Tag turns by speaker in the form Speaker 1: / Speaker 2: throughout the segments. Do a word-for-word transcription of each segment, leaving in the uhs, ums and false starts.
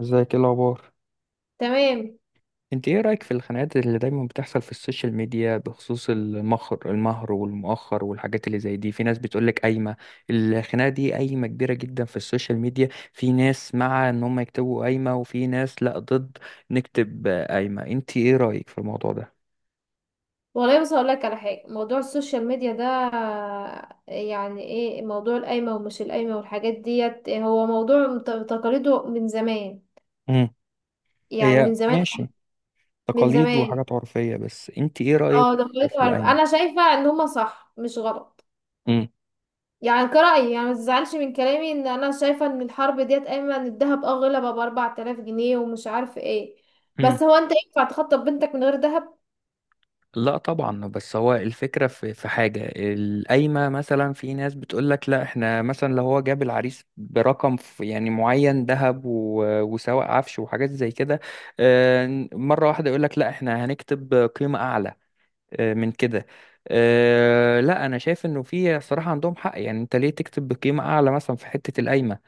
Speaker 1: ازيك، ايه الاخبار؟
Speaker 2: تمام.
Speaker 1: انت ايه رايك في الخناقات اللي دايما بتحصل في السوشيال ميديا بخصوص المهر المهر والمؤخر والحاجات اللي زي دي؟ في ناس بتقولك قايمه. الخناقه دي قايمه كبيره جدا في السوشيال ميديا. في ناس مع ان هم يكتبوا قايمه، وفي ناس لا، ضد نكتب قايمه. انت ايه رايك في الموضوع ده؟
Speaker 2: والله بس هقول لك على حاجه، موضوع السوشيال ميديا ده، يعني ايه موضوع القايمه ومش القايمه والحاجات ديت، هو موضوع مت- تقاليده من زمان.
Speaker 1: امم
Speaker 2: يعني
Speaker 1: هي
Speaker 2: من زمان.
Speaker 1: ماشي،
Speaker 2: من
Speaker 1: تقاليد
Speaker 2: زمان.
Speaker 1: وحاجات عرفيه، بس انت ايه رايك
Speaker 2: اه
Speaker 1: في
Speaker 2: دخلته، عارف،
Speaker 1: القايمه؟
Speaker 2: انا شايفه ان هما صح مش غلط. يعني كرأيي، يعني ما تزعلش من كلامي، ان انا شايفه ان الحرب ديت قايمه. ان الذهب اه غلى بقى ب أربعة آلاف جنيه ومش عارف ايه.
Speaker 1: امم
Speaker 2: بس هو انت ينفع تخطب بنتك من غير ذهب؟
Speaker 1: لا طبعا، بس هو الفكرة في في حاجة القايمة، مثلا في ناس بتقولك لا احنا مثلا لو هو جاب العريس برقم ف- يعني معين ذهب و- وسواق عفش وحاجات زي كده. آه، مرة واحدة يقولك لا احنا هنكتب قيمة أعلى آه، من كده. آه، لا، أنا شايف إنه في صراحة عندهم حق، يعني أنت ليه تكتب بقيمة أعلى مثلا في حتة القايمة؟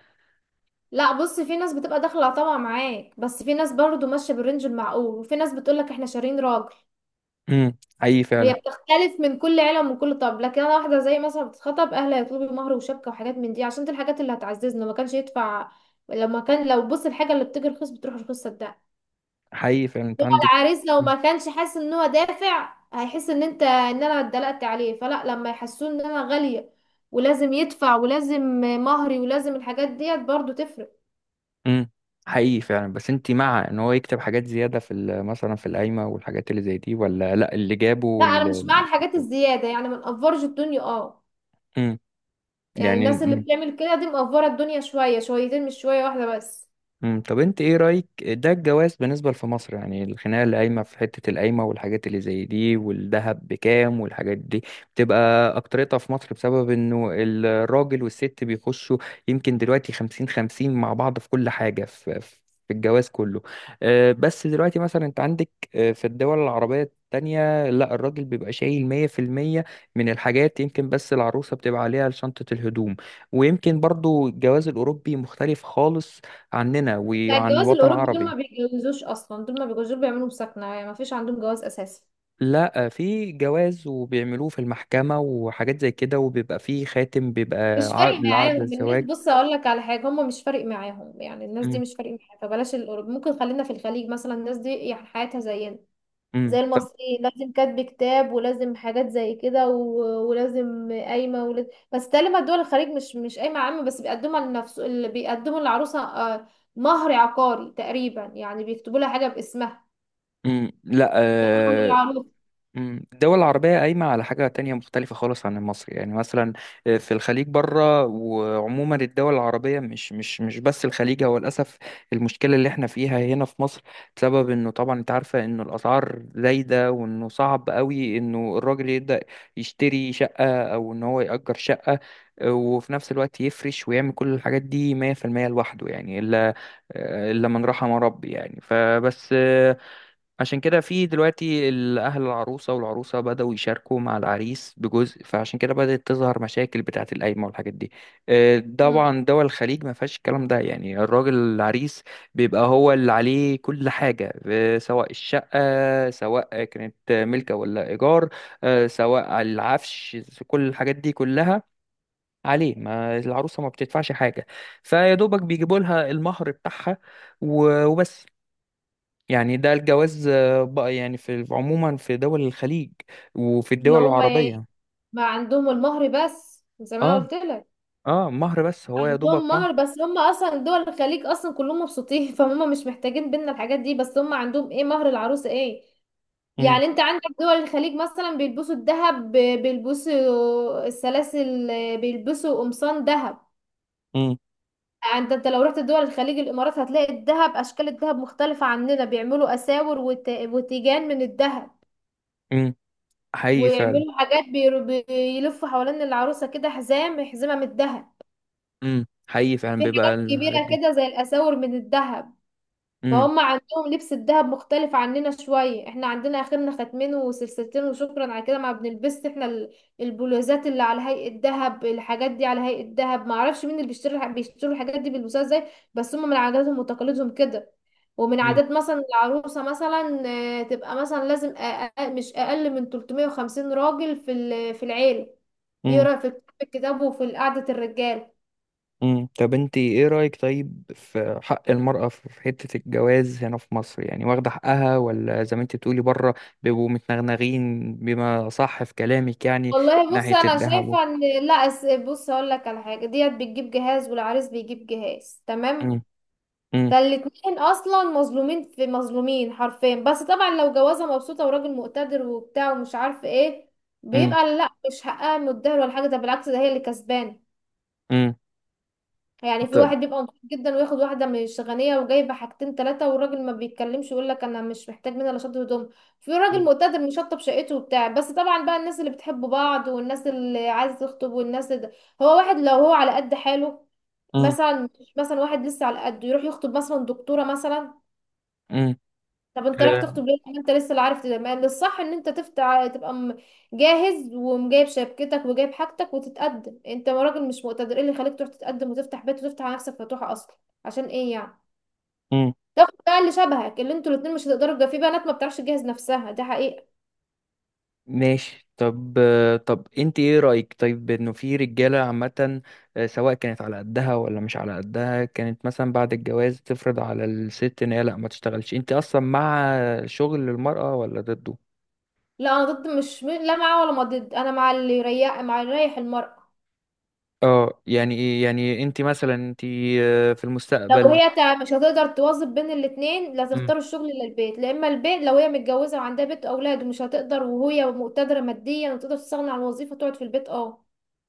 Speaker 2: لا، بص، في ناس بتبقى داخله طبعا معاك، بس في ناس برضو ماشيه بالرينج المعقول، وفي ناس بتقولك احنا شارين راجل.
Speaker 1: مم، حقيقي
Speaker 2: هي
Speaker 1: فعلا.
Speaker 2: بتختلف من كل عيله ومن كل طب. لكن انا واحده زي مثلا بتتخطب، اهلها يطلبوا مهر وشبكه وحاجات من دي، عشان دي الحاجات اللي هتعززنا. ما كانش يدفع. لما كان، لو بص، الحاجه اللي بتيجي رخيص بتروح رخيص، صدق.
Speaker 1: حقيقي فعلا أنت
Speaker 2: هو
Speaker 1: عندك.
Speaker 2: العريس لو ما كانش حاسس ان هو دافع، هيحس ان انت، ان انا اتدلقت عليه. فلا، لما يحسوه ان انا غاليه ولازم يدفع، ولازم مهري، ولازم الحاجات ديت برضو تفرق.
Speaker 1: امم حقيقي فعلا. بس انت مع ان هو يكتب حاجات زيادة في ال- مثلا في القايمة والحاجات اللي زي دي، ولا لا اللي جابه
Speaker 2: لا، انا
Speaker 1: وال...
Speaker 2: مش مع الحاجات الزياده. يعني ما نقفرش الدنيا اه.
Speaker 1: امم
Speaker 2: يعني
Speaker 1: يعني.
Speaker 2: الناس اللي بتعمل كده دي مقفره الدنيا شويه شويتين مش شويه واحده بس.
Speaker 1: مم. طب انت ايه رأيك ده الجواز بالنسبة في مصر؟ يعني الخناقة اللي قايمة في حتة القايمة والحاجات اللي زي دي والذهب بكام والحاجات دي بتبقى أكترتها في مصر بسبب انه الراجل والست بيخشوا يمكن دلوقتي خمسين خمسين مع بعض في كل حاجة، في, في في الجواز كله. آه، بس دلوقتي مثلا انت عندك، آه، في الدول العربية التانية لا، الراجل بيبقى شايل مية في المية من الحاجات، يمكن بس العروسة بتبقى عليها شنطة الهدوم. ويمكن برضو الجواز الأوروبي مختلف خالص عننا
Speaker 2: بتاع
Speaker 1: وعن
Speaker 2: الجواز
Speaker 1: الوطن
Speaker 2: الاوروبي، دول ما
Speaker 1: العربي.
Speaker 2: بيتجوزوش اصلا. دول ما بيتجوزوش. دول بيعملوا مسكنه، يعني ما فيش عندهم جواز اساسي.
Speaker 1: لا، في جواز وبيعملوه في المحكمة وحاجات زي كده، وبيبقى فيه خاتم بيبقى
Speaker 2: مش فارق
Speaker 1: عقد لعقد
Speaker 2: معاهم الناس.
Speaker 1: الزواج.
Speaker 2: بص، اقول لك على حاجه، هم مش فارق معاهم. يعني الناس دي
Speaker 1: امم
Speaker 2: مش فارق معاها. فبلاش الاوروبي، ممكن خلينا في الخليج مثلا. الناس دي يعني حياتها زينا، زي
Speaker 1: امم طب.
Speaker 2: المصريين، لازم كاتب كتاب، ولازم حاجات زي كده، و- ولازم قايمه، ولازم. بس تقريبا دول الخليج مش مش قايمه عامه، بس بيقدمها لنفس اللي بيقدموا للعروسه، آه، مهر عقاري. تقريبا يعني بيكتبوا لها حاجه باسمها،
Speaker 1: امم لا
Speaker 2: مهر
Speaker 1: آه،
Speaker 2: العروسه.
Speaker 1: مم. الدول العربية قايمة على حاجة تانية مختلفة خالص عن المصري، يعني مثلا آه، في الخليج بره، وعموما الدول العربية مش مش مش بس الخليج هو، للأسف، المشكلة اللي احنا فيها هنا في مصر بسبب انه طبعا انت عارفة انه الأسعار زايدة، وانه صعب قوي انه الراجل يبدأ يشتري شقة او ان هو يأجر شقة وفي نفس الوقت يفرش ويعمل كل الحاجات دي مية في المية لوحده، يعني إلا آه، إلا من رحم ربي يعني. فبس آه، عشان كده في دلوقتي الأهل العروسة والعروسة بدأوا يشاركوا مع العريس بجزء، فعشان كده بدأت تظهر مشاكل بتاعة القايمة والحاجات دي. آه،
Speaker 2: مم.
Speaker 1: طبعا دول الخليج ما فيهاش الكلام ده، يعني الراجل العريس بيبقى هو اللي عليه كل حاجة، آه، سواء الشقة سواء كانت ملكة ولا إيجار، آه، سواء العفش، كل الحاجات دي كلها عليه، ما العروسة ما بتدفعش حاجة، فيا دوبك بيجيبوا لها المهر بتاعها و- وبس. يعني ده الجواز آه، بقى يعني في عموما في دول الخليج وفي
Speaker 2: اللي
Speaker 1: الدول
Speaker 2: هم إيه؟
Speaker 1: العربية.
Speaker 2: ما عندهم المهر بس زي ما انا
Speaker 1: اه.
Speaker 2: قلت لك.
Speaker 1: اه مهر بس، هو يا دوبك
Speaker 2: عندهم مهر
Speaker 1: مهر.
Speaker 2: بس. هم اصلا دول الخليج اصلا كلهم مبسوطين فهم مش محتاجين بينا الحاجات دي. بس هم عندهم ايه؟ مهر العروسه. ايه
Speaker 1: امم
Speaker 2: يعني، انت عندك دول الخليج مثلا بيلبسوا الذهب ب- بيلبسوا السلاسل، بيلبسوا قمصان ذهب.
Speaker 1: امم
Speaker 2: يعني انت، انت لو رحت دول الخليج الامارات، هتلاقي الذهب، اشكال الذهب مختلفة عننا. بيعملوا اساور وت- وتيجان من الذهب.
Speaker 1: امم حقيقي فعلا.
Speaker 2: ويعملوا حاجات بير- بيلفوا حوالين العروسة كده حزام، حزمة من الذهب.
Speaker 1: امم حقيقي فعلا
Speaker 2: في
Speaker 1: بيبقى
Speaker 2: حاجات
Speaker 1: الحاجات
Speaker 2: كبيرة
Speaker 1: دي.
Speaker 2: كده زي الاساور من الذهب.
Speaker 1: امم
Speaker 2: فهم عندهم لبس الدهب مختلف عننا شوية. احنا عندنا اخرنا ختمين وسلسلتين وشكرا على كده. ما بنلبسش احنا ال- البلوزات اللي على هيئة دهب، الحاجات دي على هيئة دهب، ما اعرفش مين اللي بيشتري الح- بيشتروا الحاجات دي بيلبسوها ازاي. بس هم من عاداتهم وتقاليدهم كده. ومن
Speaker 1: امم
Speaker 2: عادات مثلا العروسة، مثلا، آه، تبقى مثلا لازم أقل، مش اقل من تلتمية راجل في ال- في العيلة
Speaker 1: امم
Speaker 2: يقرا في كتاب، الكتاب، وفي قعدة الرجال.
Speaker 1: امم طب انت ايه رأيك طيب في حق المرأة في في حتة الجواز هنا في مصر؟ يعني واخدة حقها ولا زي ما انت بتقولي بره بيبقوا متنغنغين بما صح في كلامك يعني. من
Speaker 2: والله بص،
Speaker 1: ناحية
Speaker 2: انا
Speaker 1: الذهب و-
Speaker 2: شايفه ان لا، أس- بص هقول لك على حاجه، ديت بتجيب جهاز والعريس بيجيب جهاز،
Speaker 1: امم
Speaker 2: تمام؟
Speaker 1: امم
Speaker 2: فالاتنين اصلا مظلومين، في مظلومين حرفيا. بس طبعا لو جوازه مبسوطه وراجل مقتدر وبتاع ومش عارف ايه،
Speaker 1: امم
Speaker 2: بيبقى لا، مش حقها متدهور ولا حاجه، ده بالعكس ده هي اللي كسبانه.
Speaker 1: امم
Speaker 2: يعني في
Speaker 1: طب.
Speaker 2: واحد بيبقى نضيف جدا وياخد واحده مش غنيه وجايبه حاجتين ثلاثه، والراجل ما بيتكلمش، يقول لك انا مش محتاج منها لا شط هدوم. في راجل مقتدر مشطب شقته وبتاع. بس طبعا بقى الناس اللي بتحب بعض، والناس اللي عايزه تخطب، والناس ده. هو واحد لو هو على قد حاله،
Speaker 1: امم
Speaker 2: مثلا، مش مثلا، واحد لسه على قد، يروح يخطب مثلا دكتوره مثلا؟
Speaker 1: امم
Speaker 2: طب انت راح
Speaker 1: آه،
Speaker 2: تخطب ليه؟ ما انت لسه، اللي عارف ده، ما الصح ان انت تفتح، تبقى م- جاهز ومجايب شبكتك وجايب حاجتك وتتقدم. انت راجل مش مقتدر، ايه اللي خليك تروح تتقدم وتفتح بيت وتفتح على نفسك فتوحة اصلا؟ عشان ايه يعني؟
Speaker 1: امم
Speaker 2: تاخد بقى اللي شبهك، اللي انتوا الاتنين مش هتقدروا تجا- في بنات ما بتعرفش تجهز نفسها، ده حقيقة.
Speaker 1: ماشي. طب آه، طب انت ايه رأيك طيب انه في رجالة عامة آه، سواء كانت على قدها ولا مش على قدها كانت مثلا بعد الجواز تفرض على الست ان هي لا ما تشتغلش؟ انت اصلا مع شغل المرأة ولا ضده؟
Speaker 2: لا، انا ضد، مش م- لا معاه ولا ما ضد. انا مع اللي يريح، مع اللي يريح المرأة.
Speaker 1: اه. يعني ايه يعني انت مثلا انت آه، في
Speaker 2: لو
Speaker 1: المستقبل؟
Speaker 2: هي تع- مش هتقدر توظف بين الاتنين، لا
Speaker 1: مم.
Speaker 2: تختار الشغل، لا البيت، لا، اما البيت، لو هي متجوزه وعندها بيت واولاد ومش هتقدر، وهي مقتدره ماديا وتقدر تستغنى عن الوظيفه، تقعد في البيت اه.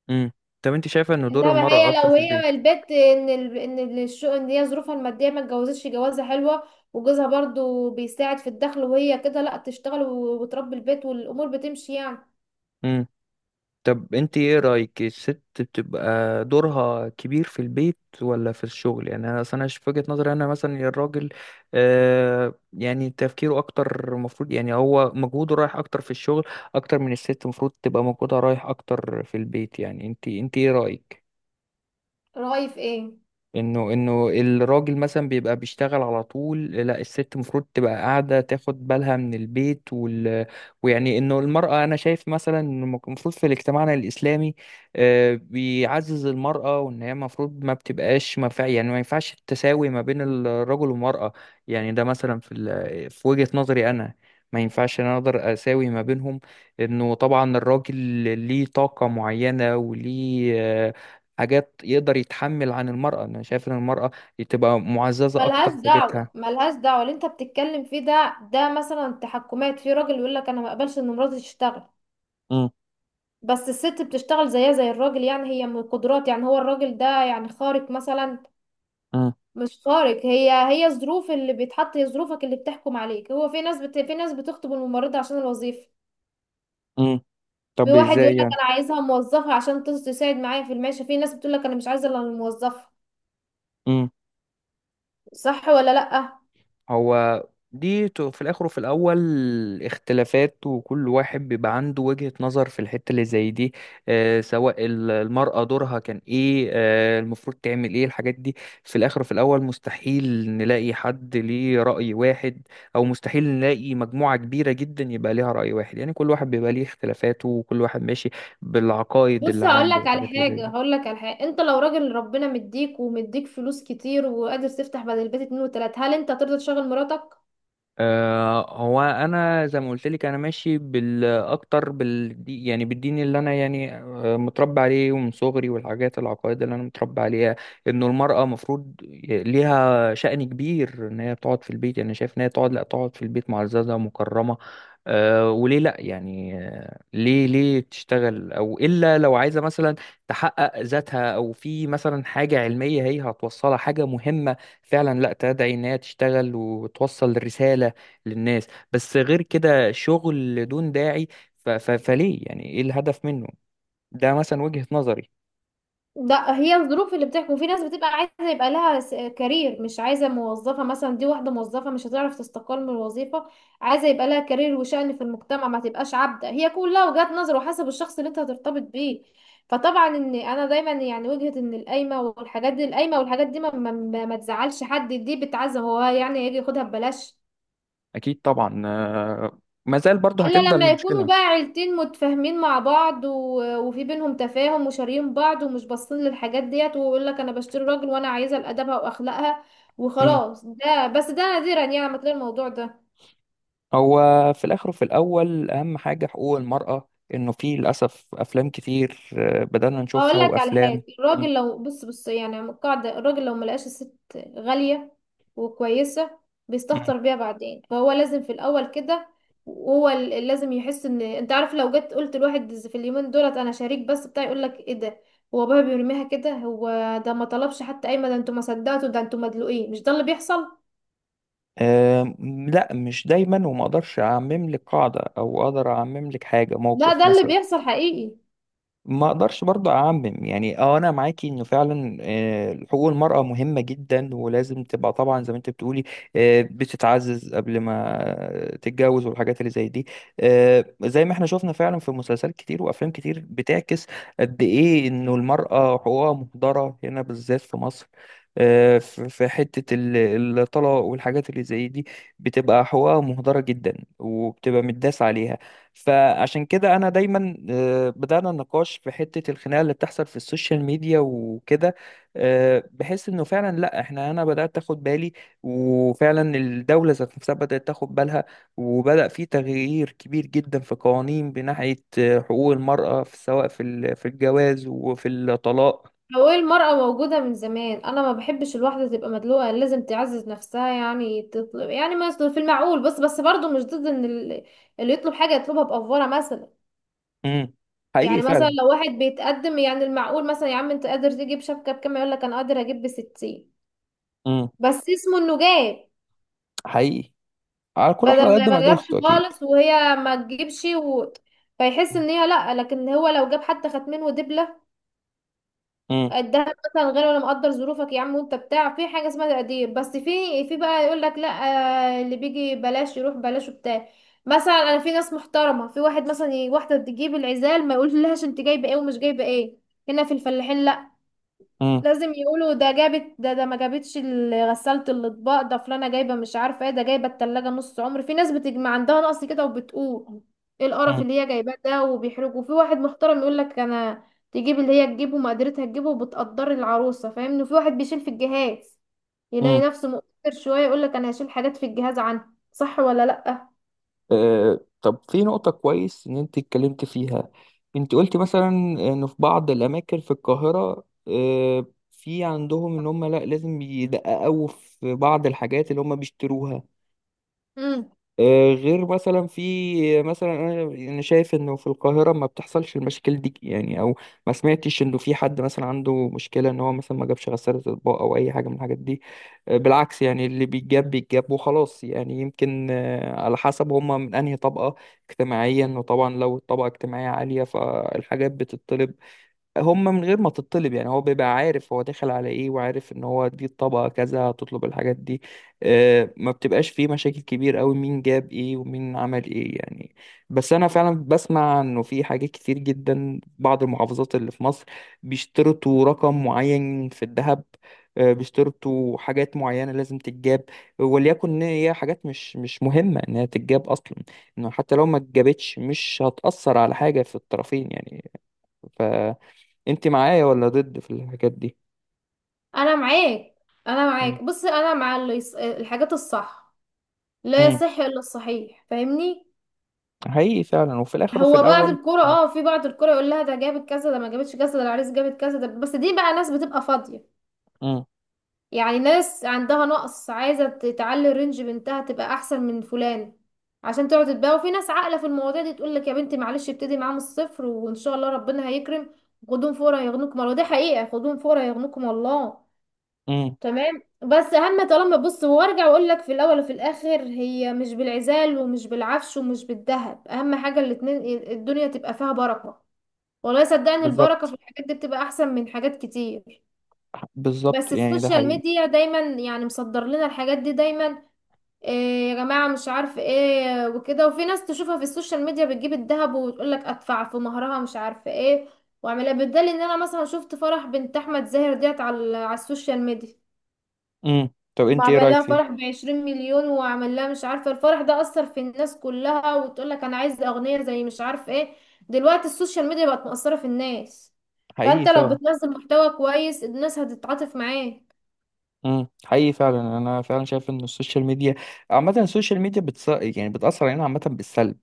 Speaker 1: امم طب انت شايفة ان دور
Speaker 2: انما
Speaker 1: المرأة
Speaker 2: هي
Speaker 1: اكتر
Speaker 2: لو
Speaker 1: في
Speaker 2: هي
Speaker 1: البيت؟
Speaker 2: البيت، ان ال... ان الشغل، ان هي ظروفها الماديه ما اتجوزتش جوازه حلوه، وجوزها برضو بيساعد في الدخل وهي كده، لا تشتغل و- وتربي البيت والامور بتمشي يعني.
Speaker 1: طب انت ايه رأيك الست بتبقى دورها كبير في البيت ولا في الشغل؟ يعني انا اصلا في وجهة نظري انا مثلا يا الراجل آه يعني تفكيره اكتر المفروض، يعني هو مجهوده رايح اكتر في الشغل اكتر من الست، المفروض تبقى مجهودها رايح اكتر في البيت. يعني انت انت ايه رأيك؟
Speaker 2: رأي في ايه؟
Speaker 1: انه انه الراجل مثلا بيبقى بيشتغل على طول، لا الست المفروض تبقى قاعده تاخد بالها من البيت وال... ويعني انه المراه انا شايف مثلا إنه المفروض في مجتمعنا الاسلامي آه، بيعزز المراه وان هي المفروض ما بتبقاش ما فيع- يعني ما ينفعش التساوي ما بين الرجل والمراه. يعني ده مثلا في ال... في وجهه نظري انا. ما ينفعش انا اقدر اساوي ما بينهم. انه طبعا الراجل ليه طاقه معينه وليه آه، حاجات يقدر يتحمل عن المرأة. أنا شايف إن المرأة تبقى معززة أكتر
Speaker 2: ملهاش
Speaker 1: في
Speaker 2: دعوة
Speaker 1: بيتها.
Speaker 2: ملهاش دعوة اللي انت بتتكلم فيه ده، ده مثلا تحكمات، في راجل يقول لك انا ما اقبلش ان مراتي تشتغل.
Speaker 1: امم
Speaker 2: بس الست بتشتغل زيها زي الراجل. يعني هي من القدرات، يعني هو الراجل ده يعني خارق مثلا؟
Speaker 1: امم
Speaker 2: مش خارق. هي، هي الظروف اللي بيتحط، هي ظروفك اللي بتحكم عليك. هو في ناس بت... في ناس بتخطب الممرضة عشان الوظيفة.
Speaker 1: امم
Speaker 2: في
Speaker 1: طب
Speaker 2: واحد يقول
Speaker 1: إزاي
Speaker 2: لك
Speaker 1: يعني؟
Speaker 2: انا عايزها موظفة عشان تس- تساعد معايا في المعيشة. في ناس بتقول لك انا مش عايزة الا الموظفة، صح ولا لأ؟
Speaker 1: هو دي ت- في الاخر وفي الاول اختلافات، وكل واحد بيبقى عنده وجهة نظر في الحتة اللي زي دي، آه، سواء ال- المرأة دورها كان ايه، آه، المفروض تعمل ايه، الحاجات دي. في الاخر وفي الاول مستحيل نلاقي حد ليه رأي واحد، او مستحيل نلاقي مجموعة كبيرة جدا يبقى ليها رأي واحد. يعني كل واحد بيبقى ليه اختلافاته وكل واحد ماشي بالعقائد اللي
Speaker 2: بص هقول
Speaker 1: عنده
Speaker 2: لك على
Speaker 1: والحاجات اللي زي
Speaker 2: حاجة،
Speaker 1: دي.
Speaker 2: هقول لك على حاجة، انت لو راجل ربنا مديك ومديك فلوس كتير، وقادر تفتح بدل البيت اتنين وتلاتة، هل انت ترضى تشغل مراتك؟
Speaker 1: آه، هو انا زي ما قلت لك انا ماشي بالاكتر بال يعني بالدين اللي انا يعني آه، متربى عليه ومن صغري، والحاجات العقائد اللي انا متربى عليها انه المرأة مفروض ليها شأن كبير ان هي تقعد في البيت. يعني شايف ان هي تقعد لا تقعد في البيت معززة ومكرمة، أه، وليه لا؟ يعني آه، ليه ليه تشتغل؟ او الا لو عايزة مثلا تحقق ذاتها، او في مثلا حاجة علمية هي هتوصلها حاجة مهمة فعلا، لا تدعي ان هي تشتغل وتوصل رسالة للناس. بس غير كده شغل دون داعي، ف... ف... فليه يعني؟ ايه الهدف منه؟ ده مثلا وجهة نظري.
Speaker 2: ده هي الظروف اللي بتحكم. في ناس بتبقى عايزه يبقى لها س- كارير، مش عايزه موظفه، مثلا دي واحده موظفه مش هتعرف تستقل من الوظيفه. عايزه يبقى لها كارير وشأن في المجتمع، ما تبقاش عبده. هي كلها وجهات نظر وحسب الشخص اللي انت هترتبط بيه. فطبعا ان انا دايما يعني وجهه ان القايمه والحاجات دي، القايمه والحاجات دي ما, ما, ما ما تزعلش حد، دي بتعزم هو يعني يجي ياخدها ببلاش.
Speaker 1: اكيد طبعا. آه، ما زال برضه
Speaker 2: الا
Speaker 1: هتفضل
Speaker 2: لما يكونوا
Speaker 1: المشكلة.
Speaker 2: بقى عيلتين متفاهمين مع بعض و... وفي بينهم تفاهم وشاريين بعض ومش باصين للحاجات ديت، ويقول لك انا بشتري راجل وانا عايزه لادبها واخلاقها
Speaker 1: مم.
Speaker 2: وخلاص. ده بس ده نادرا يعني ما تلاقي الموضوع ده.
Speaker 1: هو في الاخر وفي الاول اهم حاجة حقوق المرأة، انه في للاسف افلام كتير آه، بدأنا
Speaker 2: اقول
Speaker 1: نشوفها
Speaker 2: لك على
Speaker 1: وافلام.
Speaker 2: حاجه،
Speaker 1: مم.
Speaker 2: الراجل لو بص بص يعني، عم القاعده، الراجل لو ملقاش الست غاليه وكويسه،
Speaker 1: مم.
Speaker 2: بيستهتر بيها بعدين. فهو لازم في الاول كده، وهو ال- لازم يحس ان، انت عارف لو جيت قلت لواحد ز- في اليومين دولت، انا شريك بس بتاع يقول لك ايه ده؟ هو بابا بيرميها كده. هو ده ما طلبش حتى قايمه، ده انتوا ما صدقتوا، ده انتوا مدلوقين. مش ده اللي بيحصل.
Speaker 1: آم، لا، مش دايما. وما اقدرش اعمم لك قاعدة، او اقدر اعمم لك حاجة
Speaker 2: لا
Speaker 1: موقف
Speaker 2: ده اللي
Speaker 1: مثلا.
Speaker 2: بيحصل حقيقي.
Speaker 1: ما اقدرش برضو اعمم. يعني اه انا معاكي انه فعلا آه، حقوق المرأة مهمة جدا ولازم تبقى طبعا زي ما انت بتقولي، آه، بتتعزز قبل ما تتجوز، والحاجات اللي زي دي. آه، زي ما احنا شفنا فعلا في مسلسلات كتير وافلام كتير بتعكس قد ايه انه المرأة حقوقها مهدرة هنا بالذات في مصر، آه، في في حتة ال- الطلاق والحاجات اللي زي دي، بتبقى حقوقها مهدرة جدا وبتبقى متداس عليها. فعشان كده انا دايما آه، بدأنا النقاش في حتة الخناقة اللي بتحصل في السوشيال ميديا وكده. آه، بحس انه فعلا لا احنا انا بدأت اخد بالي، وفعلا الدولة ذات نفسها بدأت تاخد بالها، وبدأ في تغيير كبير جدا في قوانين بناحية آه، حقوق المرأة في سواء في ال- في الجواز وفي الطلاق.
Speaker 2: هو المرأة موجودة من زمان. أنا ما بحبش الواحدة تبقى مدلوقة، لازم تعزز نفسها، يعني تطلب يعني مثلا في المعقول. بس، بس برضه مش ضد إن ال- اللي يطلب حاجة يطلبها بأفورة مثلا.
Speaker 1: امم حقيقي
Speaker 2: يعني مثلا
Speaker 1: فعلا.
Speaker 2: لو واحد بيتقدم، يعني المعقول مثلا، يا عم أنت قادر تجيب شبكة بكام؟ يقول لك أنا قادر أجيب بستين.
Speaker 1: امم
Speaker 2: بس اسمه إنه جاب،
Speaker 1: حقيقي. على كل واحد على
Speaker 2: بدل ما
Speaker 1: قد ما
Speaker 2: ما جابش
Speaker 1: قدرته اكيد.
Speaker 2: خالص وهي ما تجيبش و... فيحس إن هي لأ. لكن هو لو جاب حتى خاتمين ودبلة
Speaker 1: امم
Speaker 2: الدهب مثلا، غير ولا مقدر ظروفك يا عم؟ وانت بتاع، في حاجه اسمها تقدير. بس في، في بقى يقول لك لا آه، اللي بيجي بلاش يروح بلاش وبتاع. مثلا انا في ناس محترمه، في واحد مثلا ي- واحده تجيب العزال ما يقولش لهاش انت جايبه ايه ومش جايبه ايه. هنا في الفلاحين لا،
Speaker 1: امم
Speaker 2: لازم يقولوا ده جابت، ده ده ما جابتش ال- غسالة الاطباق، ده فلانة جايبة مش عارفة ايه، ده جايبة التلاجة نص عمر. في ناس بتجمع عندها نقص كده وبتقول ايه القرف اللي هي جايباه ده، وبيحرجوا. في واحد محترم يقول لك انا، تجيب اللي هي تجيبه ما قدرتها تجيبه، وبتقدر العروسة، فاهمني؟ وفي واحد بيشيل في الجهاز، يلاقي
Speaker 1: امم
Speaker 2: نفسه مقصر شوية، يقول لك انا هشيل حاجات في الجهاز عنها، صح ولا لأ؟
Speaker 1: آه، طب في نقطة كويس إن أنت اتكلمت فيها. أنت قلت مثلا إن في بعض الأماكن في القاهرة آه، في عندهم إن هم لأ لازم يدققوا في بعض الحاجات اللي هم بيشتروها.
Speaker 2: امم.
Speaker 1: آه، غير مثلا في مثلا انا أنا شايف انه في القاهره ما بتحصلش المشاكل دي، يعني او ما سمعتش انه في حد مثلا عنده مشكله ان هو مثلا ما جابش غساله اطباق او اي حاجه من الحاجات دي. آه، بالعكس، يعني اللي بيتجاب بيتجاب وخلاص. يعني يمكن آه، على حسب هم من انهي طبقه اجتماعيا، وطبعا لو الطبقه اجتماعيه عاليه فالحاجات بتطلب هم من غير ما تطلب، يعني هو بيبقى عارف هو داخل على ايه، وعارف ان هو دي الطبقة كذا هتطلب الحاجات دي. آه، ما بتبقاش فيه مشاكل كبير قوي مين جاب ايه ومين عمل ايه يعني. بس انا فعلا بسمع انه في حاجات كتير جدا بعض المحافظات اللي في مصر بيشترطوا رقم معين في الذهب، آه، بيشترطوا حاجات معينة لازم تتجاب. وليكن ان هي حاجات مش مش مهمة انها تتجاب اصلا، انه حتى لو ما اتجابتش مش هتأثر على حاجة في الطرفين. يعني انت معايا ولا ضد في الحاجات دي؟
Speaker 2: انا معاك، انا
Speaker 1: مم.
Speaker 2: معاك. بص انا مع اللي يص... الحاجات الصح. لا
Speaker 1: مم.
Speaker 2: يصح الا الصحيح، فاهمني؟
Speaker 1: حقيقي فعلا، وفي الاخر وفي
Speaker 2: هو بعض
Speaker 1: الاول،
Speaker 2: الكرة
Speaker 1: مم.
Speaker 2: اه، في بعض الكرة يقول لها ده جابت كذا، ده ما جابتش كذا، ده العريس جابت كذا. ده بس دي بقى ناس بتبقى فاضية،
Speaker 1: مم.
Speaker 2: يعني ناس عندها نقص عايزة ت- تعلي الرينج بنتها تبقى احسن من فلان، عشان تقعد تتباهى. وفي ناس عاقلة في المواضيع دي تقول لك يا بنتي معلش، ابتدي معاه من الصفر وان شاء الله ربنا هيكرم. خدوهم فورا يغنوكم الله، دي حقيقة، خدوهم فورا يغنوكم الله.
Speaker 1: مم.
Speaker 2: تمام. بس اهم، طالما، بص وارجع واقول لك، في الاول وفي الاخر هي مش بالعزال ومش بالعفش ومش بالذهب، اهم حاجة الاتنين الدنيا تبقى فيها بركة. والله صدقني البركة في
Speaker 1: بالظبط،
Speaker 2: الحاجات دي بتبقى احسن من حاجات كتير.
Speaker 1: بالظبط
Speaker 2: بس
Speaker 1: يعني ده
Speaker 2: السوشيال
Speaker 1: حقيقي.
Speaker 2: ميديا دايما يعني مصدر لنا الحاجات دي دايما. إيه يا جماعة مش عارف ايه وكده. وفي ناس تشوفها في السوشيال ميديا بتجيب الذهب وتقول لك ادفع في مهرها مش عارف ايه. واعملها بالدليل، ان انا مثلا شفت فرح بنت احمد زاهر ديت على، على السوشيال ميديا،
Speaker 1: مم. طب انت ايه
Speaker 2: وعمل
Speaker 1: رايك
Speaker 2: لها
Speaker 1: فيها؟
Speaker 2: فرح بعشرين مليون وعمل لها مش عارفة. الفرح ده أثر في الناس كلها وتقول لك أنا عايز أغنية زي مش عارفة ايه. دلوقتي السوشيال ميديا بقت مأثرة في الناس.
Speaker 1: حقيقي
Speaker 2: فأنت لو
Speaker 1: فعلا.
Speaker 2: بتنزل محتوى كويس الناس هتتعاطف معاه.
Speaker 1: امم حقيقي فعلا. يعني انا فعلا شايف ان السوشيال ميديا عامه السوشيال ميديا بتص... يعني بتاثر علينا عامه بالسلب،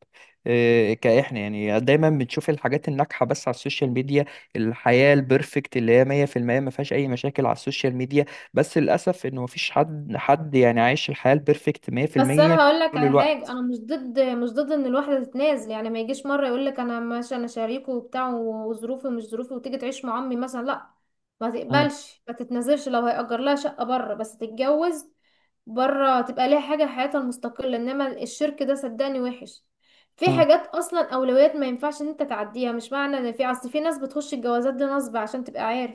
Speaker 1: إيه كاحنا يعني دايما بنشوف الحاجات الناجحه بس على السوشيال ميديا، الحياه البرفكت اللي هي مية في المية ما فيهاش اي مشاكل على السوشيال ميديا. بس للاسف انه ما فيش حد حد يعني عايش الحياه البرفكت
Speaker 2: بس
Speaker 1: مية في المية
Speaker 2: انا هقول لك
Speaker 1: طول
Speaker 2: على حاجه،
Speaker 1: الوقت.
Speaker 2: انا مش ضد مش ضد ان الواحده تتنازل. يعني ما يجيش مره يقول لك انا ماشي انا شريكه وبتاع وظروفي ومش ظروفي وتيجي تعيش مع امي مثلا، لا. ما
Speaker 1: امم
Speaker 2: تقبلش، ما تتنازلش. لو هيأجر لها شقه بره بس تتجوز بره، تبقى ليها حاجه، حياتها المستقله. انما الشرك ده صدقني وحش. في
Speaker 1: امم
Speaker 2: حاجات اصلا اولويات ما ينفعش ان انت تعديها. مش معنى ان في اصل، في ناس بتخش الجوازات دي نصب، عشان تبقى عارف،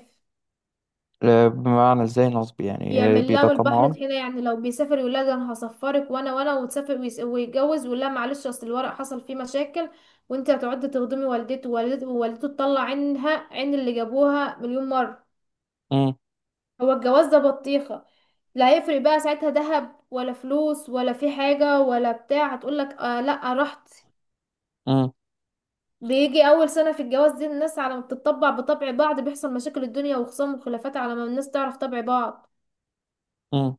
Speaker 1: آه، بمعنى ازاي نصب؟ يعني آه،
Speaker 2: يعمل لها
Speaker 1: بيبقى
Speaker 2: من البحر
Speaker 1: طمعان.
Speaker 2: طحينة. يعني لو بيسافر يقول لها ده انا هسفرك، وانا وانا، وتسافر ويس- ويتجوز ويقول لها معلش اصل الورق حصل فيه مشاكل، وانت هتقعدي تخدمي والدته ووالدته ووالدته، تطلع عينها عين اللي جابوها مليون مرة.
Speaker 1: امم
Speaker 2: هو الجواز ده بطيخة؟ لا، هيفرق بقى ساعتها ذهب ولا فلوس ولا في حاجة ولا بتاع؟ هتقول لك آه لا رحت.
Speaker 1: امم
Speaker 2: بيجي اول سنة في الجواز دي الناس على ما بتطبع بطبع بعض، بيحصل مشاكل الدنيا وخصام وخلافات على ما الناس تعرف طبع بعض.
Speaker 1: امم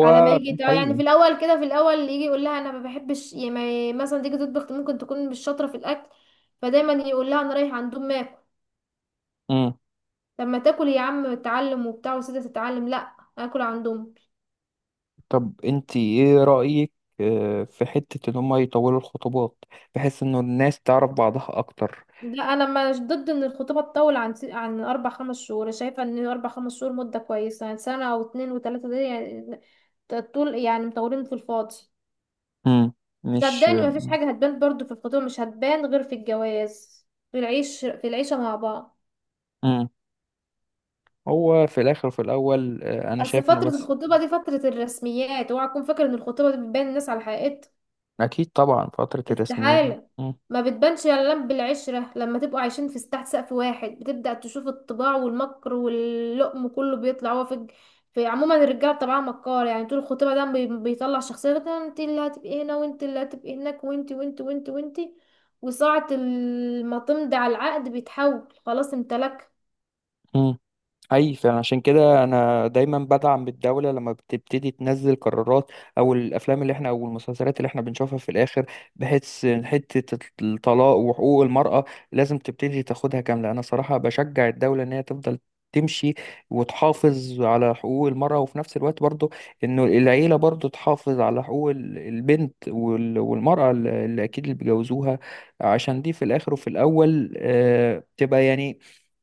Speaker 2: على ما يجي تع- يعني
Speaker 1: حقيقي.
Speaker 2: في الاول كده، في الاول يجي يقول لها انا ما بحبش، يعني ما- مثلا تيجي تطبخ ممكن تكون مش شاطره في الاكل، فدايما يقول لها انا رايح عندهم ماكل.
Speaker 1: مم.
Speaker 2: طب ما تاكل يا عم، اتعلم وبتاع وسيده تتعلم، لا اكل عندهم.
Speaker 1: طب انت ايه رأيك آه، في حتة ان هما يطولوا الخطوبات بحيث انه الناس تعرف بعضها اكتر؟
Speaker 2: لا انا مش ضد ان الخطوبه تطول عن س- عن اربع خمس شهور. أنا شايفه ان اربع خمس شهور مده كويسه. يعني سنه او اتنين وتلاته دي يعني ت- طول، يعني مطولين في الفاضي.
Speaker 1: امم مش
Speaker 2: صدقني ما فيش حاجه هتبان برضو في الخطوبه، مش هتبان غير في الجواز، في العيش، في العيشه مع بعض.
Speaker 1: امم هو في الاخر وفي الاول آه، انا
Speaker 2: اصل
Speaker 1: شايف انه
Speaker 2: فترة
Speaker 1: بس.
Speaker 2: الخطوبة دي فترة الرسميات. اوعى تكون فاكر ان الخطوبة دي بتبين الناس على حقيقتها،
Speaker 1: اكيد طبعا فترة الرسميات.
Speaker 2: استحالة.
Speaker 1: مم.
Speaker 2: ما بتبانش الا لما بالعشرة، لما تبقوا عايشين في تحت سقف واحد، بتبدأ تشوف الطباع والمكر واللقم كله بيطلع. هو في الج- في عموما الرجالة طبعا مكار. يعني طول الخطوبة ده بي- بيطلع شخصية انت اللي هتبقي هنا وانت اللي هتبقي هناك، وانت وانت وانت وانت. وساعة ال- ما تمضي على العقد بيتحول خلاص امتلك.
Speaker 1: مم. اي فعلا عشان كده انا دايما بدعم الدوله لما بتبتدي تنزل قرارات، او الافلام اللي احنا او المسلسلات اللي احنا بنشوفها في الاخر، بحيث حته الطلاق وحقوق المراه لازم تبتدي تاخدها كامله. انا صراحه بشجع الدوله ان هي تفضل تمشي وتحافظ على حقوق المرأة، وفي نفس الوقت برضو إنه العيلة برضو تحافظ على حقوق ال- البنت وال- والمرأة اللي اللي أكيد اللي بيجوزوها، عشان دي في الآخر وفي الأول آه، تبقى يعني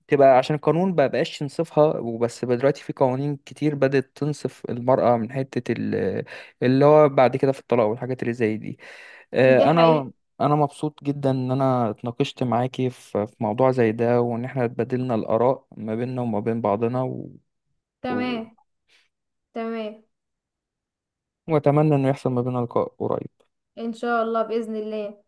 Speaker 1: تبقى عشان القانون ما بقاش ينصفها. وبس بقى دلوقتي في قوانين كتير بدأت تنصف المرأة من حتة ال- اللي هو بعد كده في الطلاق والحاجات اللي زي دي.
Speaker 2: دي
Speaker 1: آه،
Speaker 2: حقيقة.
Speaker 1: انا انا مبسوط جدا ان انا اتناقشت معاكي في في موضوع زي ده وان احنا اتبادلنا الآراء ما بيننا وما بين بعضنا و... و...
Speaker 2: تمام. تمام.
Speaker 1: واتمنى انه يحصل ما بيننا لقاء قريب.
Speaker 2: ان شاء الله، بإذن الله.